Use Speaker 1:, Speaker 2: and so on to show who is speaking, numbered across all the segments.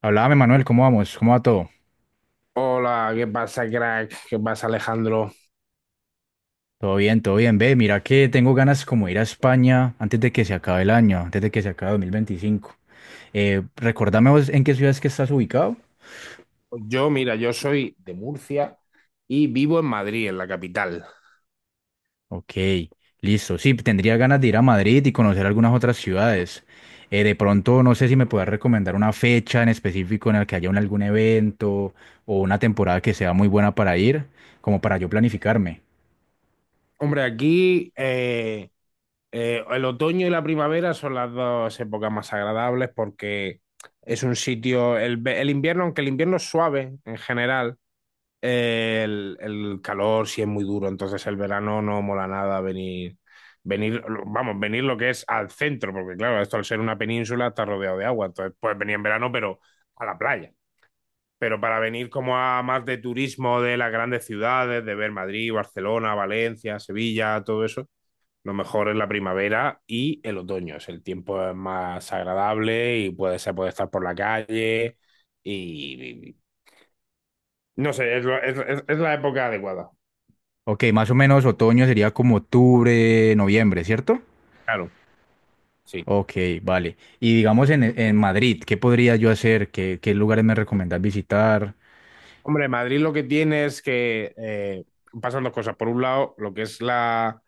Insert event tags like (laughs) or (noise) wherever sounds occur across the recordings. Speaker 1: Háblame, Manuel, ¿cómo vamos? ¿Cómo va todo?
Speaker 2: Hola, ¿qué pasa, crack? ¿Qué pasa, Alejandro?
Speaker 1: Todo bien, todo bien. Ve, mira que tengo ganas como de ir a España antes de que se acabe el año, antes de que se acabe 2025. Recordame vos en qué ciudad es que estás ubicado.
Speaker 2: Pues mira, yo soy de Murcia y vivo en Madrid, en la capital.
Speaker 1: Ok, listo. Sí, tendría ganas de ir a Madrid y conocer algunas otras ciudades. De pronto, no sé si me puedas recomendar una fecha en específico en la que haya algún evento o una temporada que sea muy buena para ir, como para yo planificarme.
Speaker 2: Hombre, aquí el otoño y la primavera son las dos épocas más agradables, porque es un sitio, el invierno, aunque el invierno es suave en general. El calor sí es muy duro, entonces el verano no mola nada venir, vamos, venir lo que es al centro, porque, claro, esto, al ser una península, está rodeado de agua, entonces puedes venir en verano, pero a la playa. Pero para venir como a más de turismo de las grandes ciudades, de ver Madrid, Barcelona, Valencia, Sevilla, todo eso, lo mejor es la primavera y el otoño. Es el tiempo es más agradable y se puede estar por la calle y, y- no sé, es, lo- es la época adecuada.
Speaker 1: Ok, más o menos otoño sería como octubre, noviembre, ¿cierto?
Speaker 2: Claro, sí.
Speaker 1: Ok, vale. Y digamos en Madrid, ¿qué podría yo hacer? ¿Qué lugares me recomendás visitar?
Speaker 2: Hombre, Madrid lo que tiene es que, pasan dos cosas. Por un lado, lo que es la,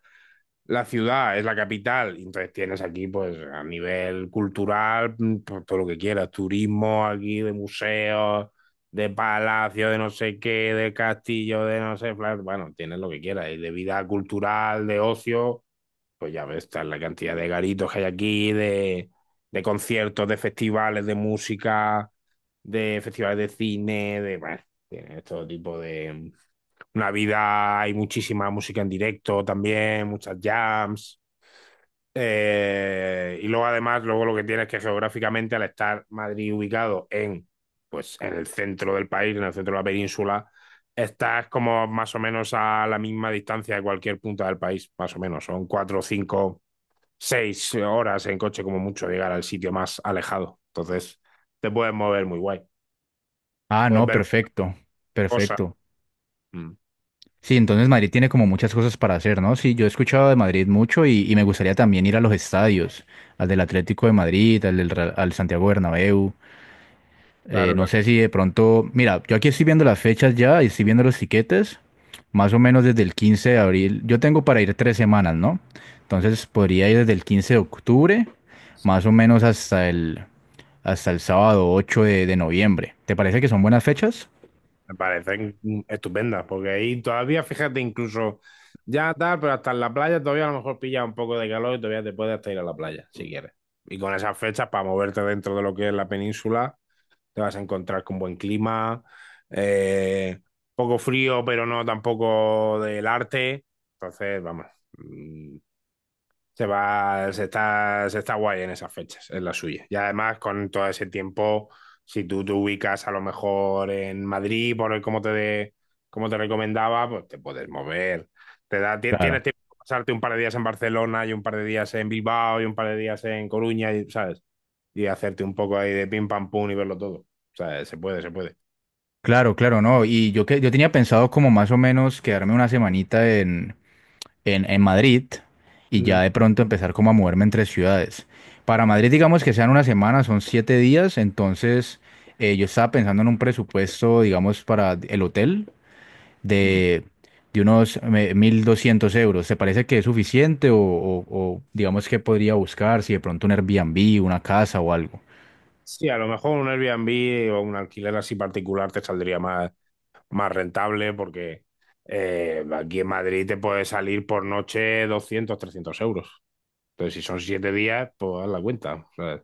Speaker 2: la ciudad, es la capital, y entonces tienes aquí, pues, a nivel cultural, pues, todo lo que quieras, turismo aquí, de museos, de palacios, de no sé qué, de castillo, de no sé, bueno, tienes lo que quieras, y de vida cultural, de ocio. Pues ya ves, está la cantidad de garitos que hay aquí, de conciertos, de festivales de música, de festivales de cine, bueno, tiene todo tipo de... Una vida, hay muchísima música en directo también, muchas jams. Y luego además, luego lo que tiene es que, geográficamente, al estar Madrid ubicado en, pues, en el centro del país, en el centro de la península, estás como más o menos a la misma distancia de cualquier punta del país, más o menos. Son 4, 5, 6 horas en coche como mucho llegar al sitio más alejado. Entonces, te puedes mover muy guay,
Speaker 1: Ah,
Speaker 2: puedes
Speaker 1: no,
Speaker 2: ver
Speaker 1: perfecto,
Speaker 2: cosas.
Speaker 1: perfecto.
Speaker 2: Mm.
Speaker 1: Sí, entonces Madrid tiene como muchas cosas para hacer, ¿no? Sí, yo he escuchado de Madrid mucho y me gustaría también ir a los estadios, al del Atlético de Madrid, al del Real- al Santiago Bernabéu.
Speaker 2: Claro,
Speaker 1: No
Speaker 2: claro.
Speaker 1: sé si de pronto, mira, yo aquí estoy viendo las fechas ya y estoy viendo los tiquetes, más o menos desde el 15 de abril. Yo tengo para ir 3 semanas, ¿no? Entonces podría ir desde el 15 de octubre, más o menos hasta el sábado 8 de noviembre. ¿Te parece que son buenas fechas?
Speaker 2: Me parecen estupendas, porque ahí todavía, fíjate, incluso ya tal, pero hasta en la playa todavía a lo mejor pilla un poco de calor y todavía te puedes hasta ir a la playa, si quieres. Y con esas fechas, para moverte dentro de lo que es la península, te vas a encontrar con buen clima, eh, poco frío, pero no tampoco del arte. Entonces, vamos, mm, se está guay en esas fechas, es la suya. Y además, con todo ese tiempo, si tú te ubicas a lo mejor en Madrid, por el como te, de- como te recomendaba, pues te puedes mover. Tienes
Speaker 1: Claro.
Speaker 2: tiempo de pasarte un par de días en Barcelona y un par de días en Bilbao y un par de días en Coruña, y, ¿sabes? Y hacerte un poco ahí de pim pam pum y verlo todo. O sea, se puede, se puede.
Speaker 1: Claro, claro, no. Y yo que yo tenía pensado como más o menos quedarme una semanita en, en Madrid y
Speaker 2: Mm.
Speaker 1: ya de pronto empezar como a moverme entre ciudades. Para Madrid, digamos que sean una semana, son 7 días, entonces yo estaba pensando en un presupuesto, digamos, para el hotel
Speaker 2: Mm.
Speaker 1: de, de unos 1.200 euros. ¿Te parece que es suficiente o, o digamos que podría buscar si de pronto un Airbnb, una casa o algo?
Speaker 2: Sí, a lo mejor un Airbnb o un alquiler así particular te saldría más rentable, porque aquí en Madrid te puede salir por noche 200 300 euros. Entonces, si son 7 días, pues haz la cuenta, ¿sabes?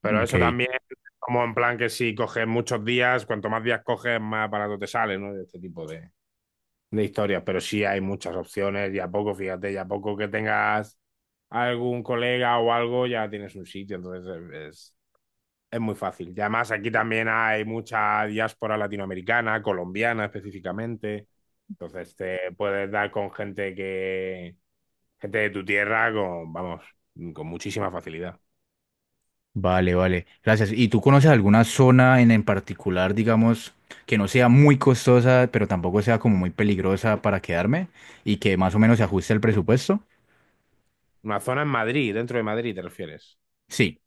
Speaker 2: Pero
Speaker 1: Ok.
Speaker 2: eso también, como en plan que si coges muchos días, cuanto más días coges, más barato te sale, ¿no? Este tipo de historias. Pero sí hay muchas opciones y a poco, fíjate, y a poco que tengas algún colega o algo, ya tienes un sitio. Entonces, es, es muy fácil. Y además aquí también hay mucha diáspora latinoamericana, colombiana específicamente. Entonces te puedes dar con gente de tu tierra con, vamos, con muchísima facilidad.
Speaker 1: Vale, vale. Gracias. ¿Y tú conoces alguna zona en particular, digamos, que no sea muy costosa, pero tampoco sea como muy peligrosa para quedarme y que más o menos se ajuste el presupuesto?
Speaker 2: Una zona en Madrid, dentro de Madrid, ¿te refieres?
Speaker 1: Sí,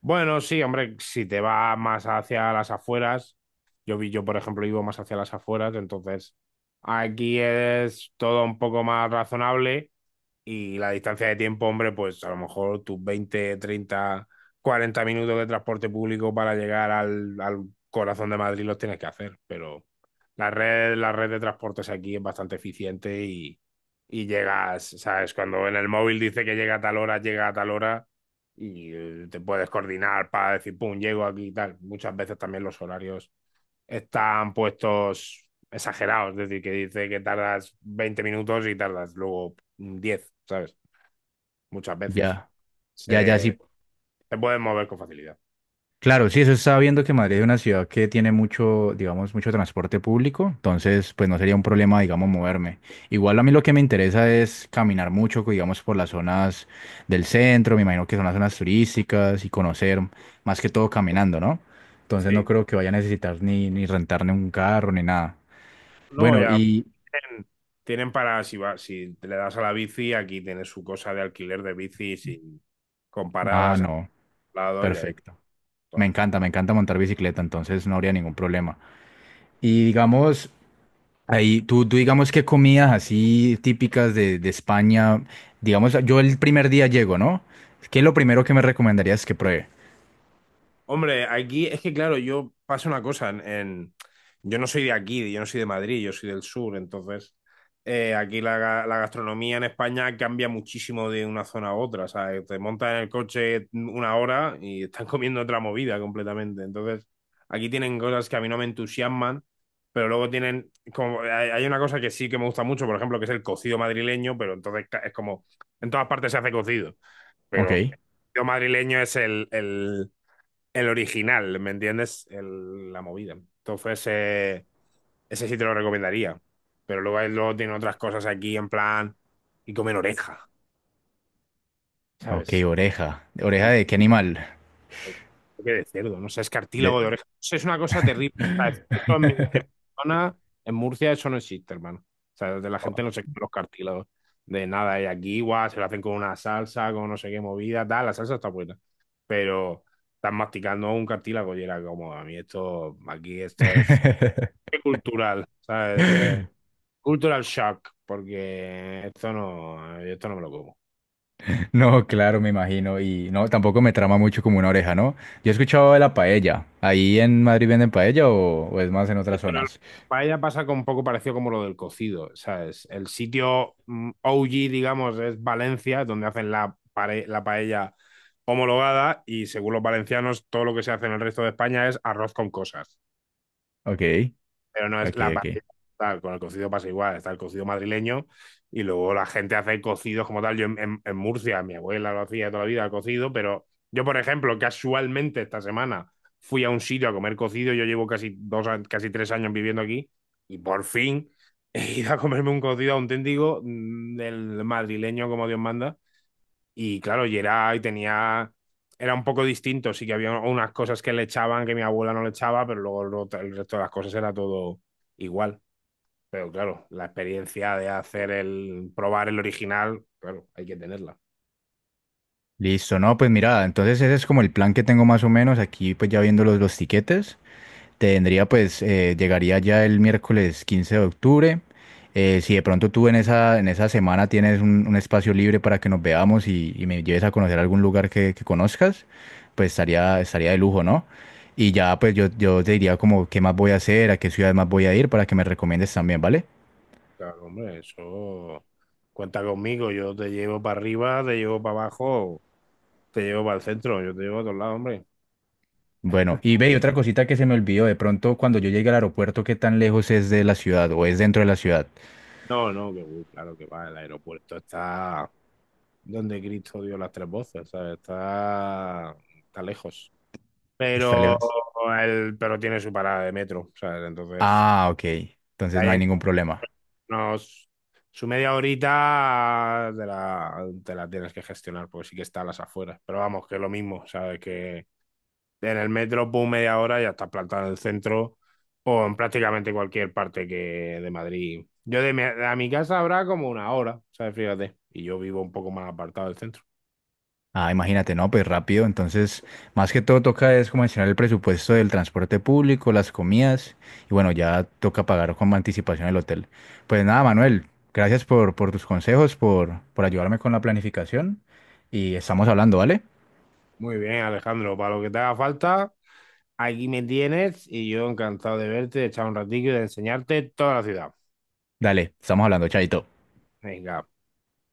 Speaker 2: Bueno, sí, hombre, si te vas más hacia las afueras, yo, por ejemplo, vivo más hacia las afueras, entonces aquí es todo un poco más razonable. Y la distancia de tiempo, hombre, pues a lo mejor tus 20 30 40 minutos de transporte público para llegar al corazón de Madrid los tienes que hacer, pero la red de transportes aquí es bastante eficiente y llegas, ¿sabes? Cuando en el móvil dice que llega a tal hora, llega a tal hora, y te puedes coordinar para decir, pum, llego aquí y tal. Muchas veces también los horarios están puestos exagerados, es decir, que dice que tardas 20 minutos y tardas luego 10, ¿sabes? Muchas veces.
Speaker 1: ya, ya, ya sí.
Speaker 2: Se, se pueden mover con facilidad.
Speaker 1: Claro, sí, eso estaba viendo que Madrid es una ciudad que tiene mucho, digamos, mucho transporte público, entonces pues no sería un problema, digamos, moverme. Igual a mí lo que me interesa es caminar mucho, digamos, por las zonas del centro, me imagino que son las zonas turísticas y conocer más que todo caminando, ¿no? Entonces no
Speaker 2: Sí,
Speaker 1: creo que vaya a necesitar ni, ni rentarme un carro ni nada.
Speaker 2: no,
Speaker 1: Bueno,
Speaker 2: ya
Speaker 1: y...
Speaker 2: tienen, tienen para, si te le das a la bici, aquí tienes su cosa de alquiler de bicis y, con
Speaker 1: Ah,
Speaker 2: paradas a
Speaker 1: no,
Speaker 2: los lados y ahí.
Speaker 1: perfecto.
Speaker 2: Todo.
Speaker 1: Me encanta montar bicicleta, entonces no habría ningún problema. Y digamos, ahí, tú digamos qué comidas así típicas de España, digamos, yo el primer día llego, ¿no? ¿Qué es lo primero que me recomendarías que pruebe?
Speaker 2: Hombre, aquí es que, claro, yo, pasa una cosa, yo no soy de aquí, yo no soy de Madrid, yo soy del sur. Entonces, aquí la gastronomía en España cambia muchísimo de una zona a otra. O sea, te montas en el coche una hora y están (laughs) comiendo otra movida completamente. Entonces, aquí tienen cosas que a mí no me entusiasman, pero luego tienen, como, hay una cosa que sí que me gusta mucho, por ejemplo, que es el cocido madrileño. Pero entonces, es como, en todas partes se hace cocido, pero el
Speaker 1: Ok,
Speaker 2: cocido madrileño es el original, ¿me entiendes? La movida. Entonces, ese sí te lo recomendaría. Pero luego, él luego tiene otras cosas aquí en plan y comen oreja,
Speaker 1: ok,
Speaker 2: ¿sabes?
Speaker 1: oreja. ¿Oreja de qué animal?
Speaker 2: Creo que de cerdo, no sé, es
Speaker 1: De...
Speaker 2: cartílago de oreja. Eso es una cosa terrible. O sea, esto en mi
Speaker 1: (laughs)
Speaker 2: zona, en Murcia, eso no existe, hermano. O sea, de la gente no se come los cartílagos de nada. Y aquí, igual, se lo hacen con una salsa, con no sé qué movida, tal. La salsa está buena. Pero estás masticando un cartílago y era como, a mí esto, aquí esto es cultural, ¿sabes? Cultural shock, porque esto no me lo como.
Speaker 1: No, claro, me imagino. Y no, tampoco me trama mucho como una oreja, ¿no? Yo he escuchado de la paella. ¿Ahí en Madrid venden paella o es más en
Speaker 2: Sí,
Speaker 1: otras
Speaker 2: pero la
Speaker 1: zonas?
Speaker 2: paella pasa con un poco parecido como lo del cocido, ¿sabes? El sitio OG, digamos, es Valencia, donde hacen la paella homologada y, según los valencianos, todo lo que se hace en el resto de España es arroz con cosas.
Speaker 1: Ok,
Speaker 2: Pero no es
Speaker 1: ok,
Speaker 2: la
Speaker 1: ok.
Speaker 2: pastilla tal, con el cocido pasa igual, está el cocido madrileño y luego la gente hace cocidos como tal. Yo en Murcia, mi abuela lo hacía toda la vida, el cocido. Pero yo, por ejemplo, casualmente esta semana fui a un sitio a comer cocido. Yo llevo casi 3 años viviendo aquí y por fin (laughs) he ido a comerme un cocido auténtico, del madrileño, como Dios manda. Y, claro, era un poco distinto, sí que había unas cosas que le echaban que mi abuela no le echaba, pero luego el resto de las cosas era todo igual. Pero, claro, la experiencia de probar el original, claro, hay que tenerla.
Speaker 1: Listo, no, pues mira, entonces ese es como el plan que tengo más o menos aquí, pues ya viendo los tiquetes, tendría pues, llegaría ya el miércoles 15 de octubre, si de pronto tú en esa semana tienes un espacio libre para que nos veamos y me lleves a conocer algún lugar que conozcas, pues estaría, estaría de lujo, ¿no? Y ya pues yo te diría como qué más voy a hacer, a qué ciudad más voy a ir para que me recomiendes también, ¿vale?
Speaker 2: Claro, hombre, eso cuenta conmigo, yo te llevo para arriba, te llevo para abajo, te llevo para el centro, yo te llevo a todos lados, hombre.
Speaker 1: Bueno, y ve, y otra cosita que se me olvidó, de pronto cuando yo llegue al aeropuerto, ¿qué tan lejos es de la ciudad o es dentro de la ciudad?
Speaker 2: No, no, que claro que va, el aeropuerto está donde Cristo dio las tres voces, ¿sabes? Está lejos.
Speaker 1: Está
Speaker 2: Pero,
Speaker 1: lejos.
Speaker 2: pero tiene su parada de metro, ¿sabes? Entonces,
Speaker 1: Ah, ok. Entonces no
Speaker 2: ahí
Speaker 1: hay
Speaker 2: en
Speaker 1: ningún problema.
Speaker 2: unos, su media horita te la tienes que gestionar, porque sí que está a las afueras. Pero vamos, que es lo mismo, ¿sabes? Que en el metro, pum, media hora ya estás plantado en el centro o en prácticamente cualquier parte que de Madrid. A mi casa habrá como una hora, ¿sabes? Fíjate. Y yo vivo un poco más apartado del centro.
Speaker 1: Ah, imagínate, no, pues rápido. Entonces, más que todo toca es como mencionar el presupuesto del transporte público, las comidas y bueno, ya toca pagar con anticipación el hotel. Pues nada, Manuel, gracias por tus consejos, por ayudarme con la planificación y estamos hablando, ¿vale?
Speaker 2: Muy bien, Alejandro. Para lo que te haga falta, aquí me tienes y yo encantado de verte, de echar un ratillo y de enseñarte toda la ciudad.
Speaker 1: Dale, estamos hablando, chaito.
Speaker 2: Venga,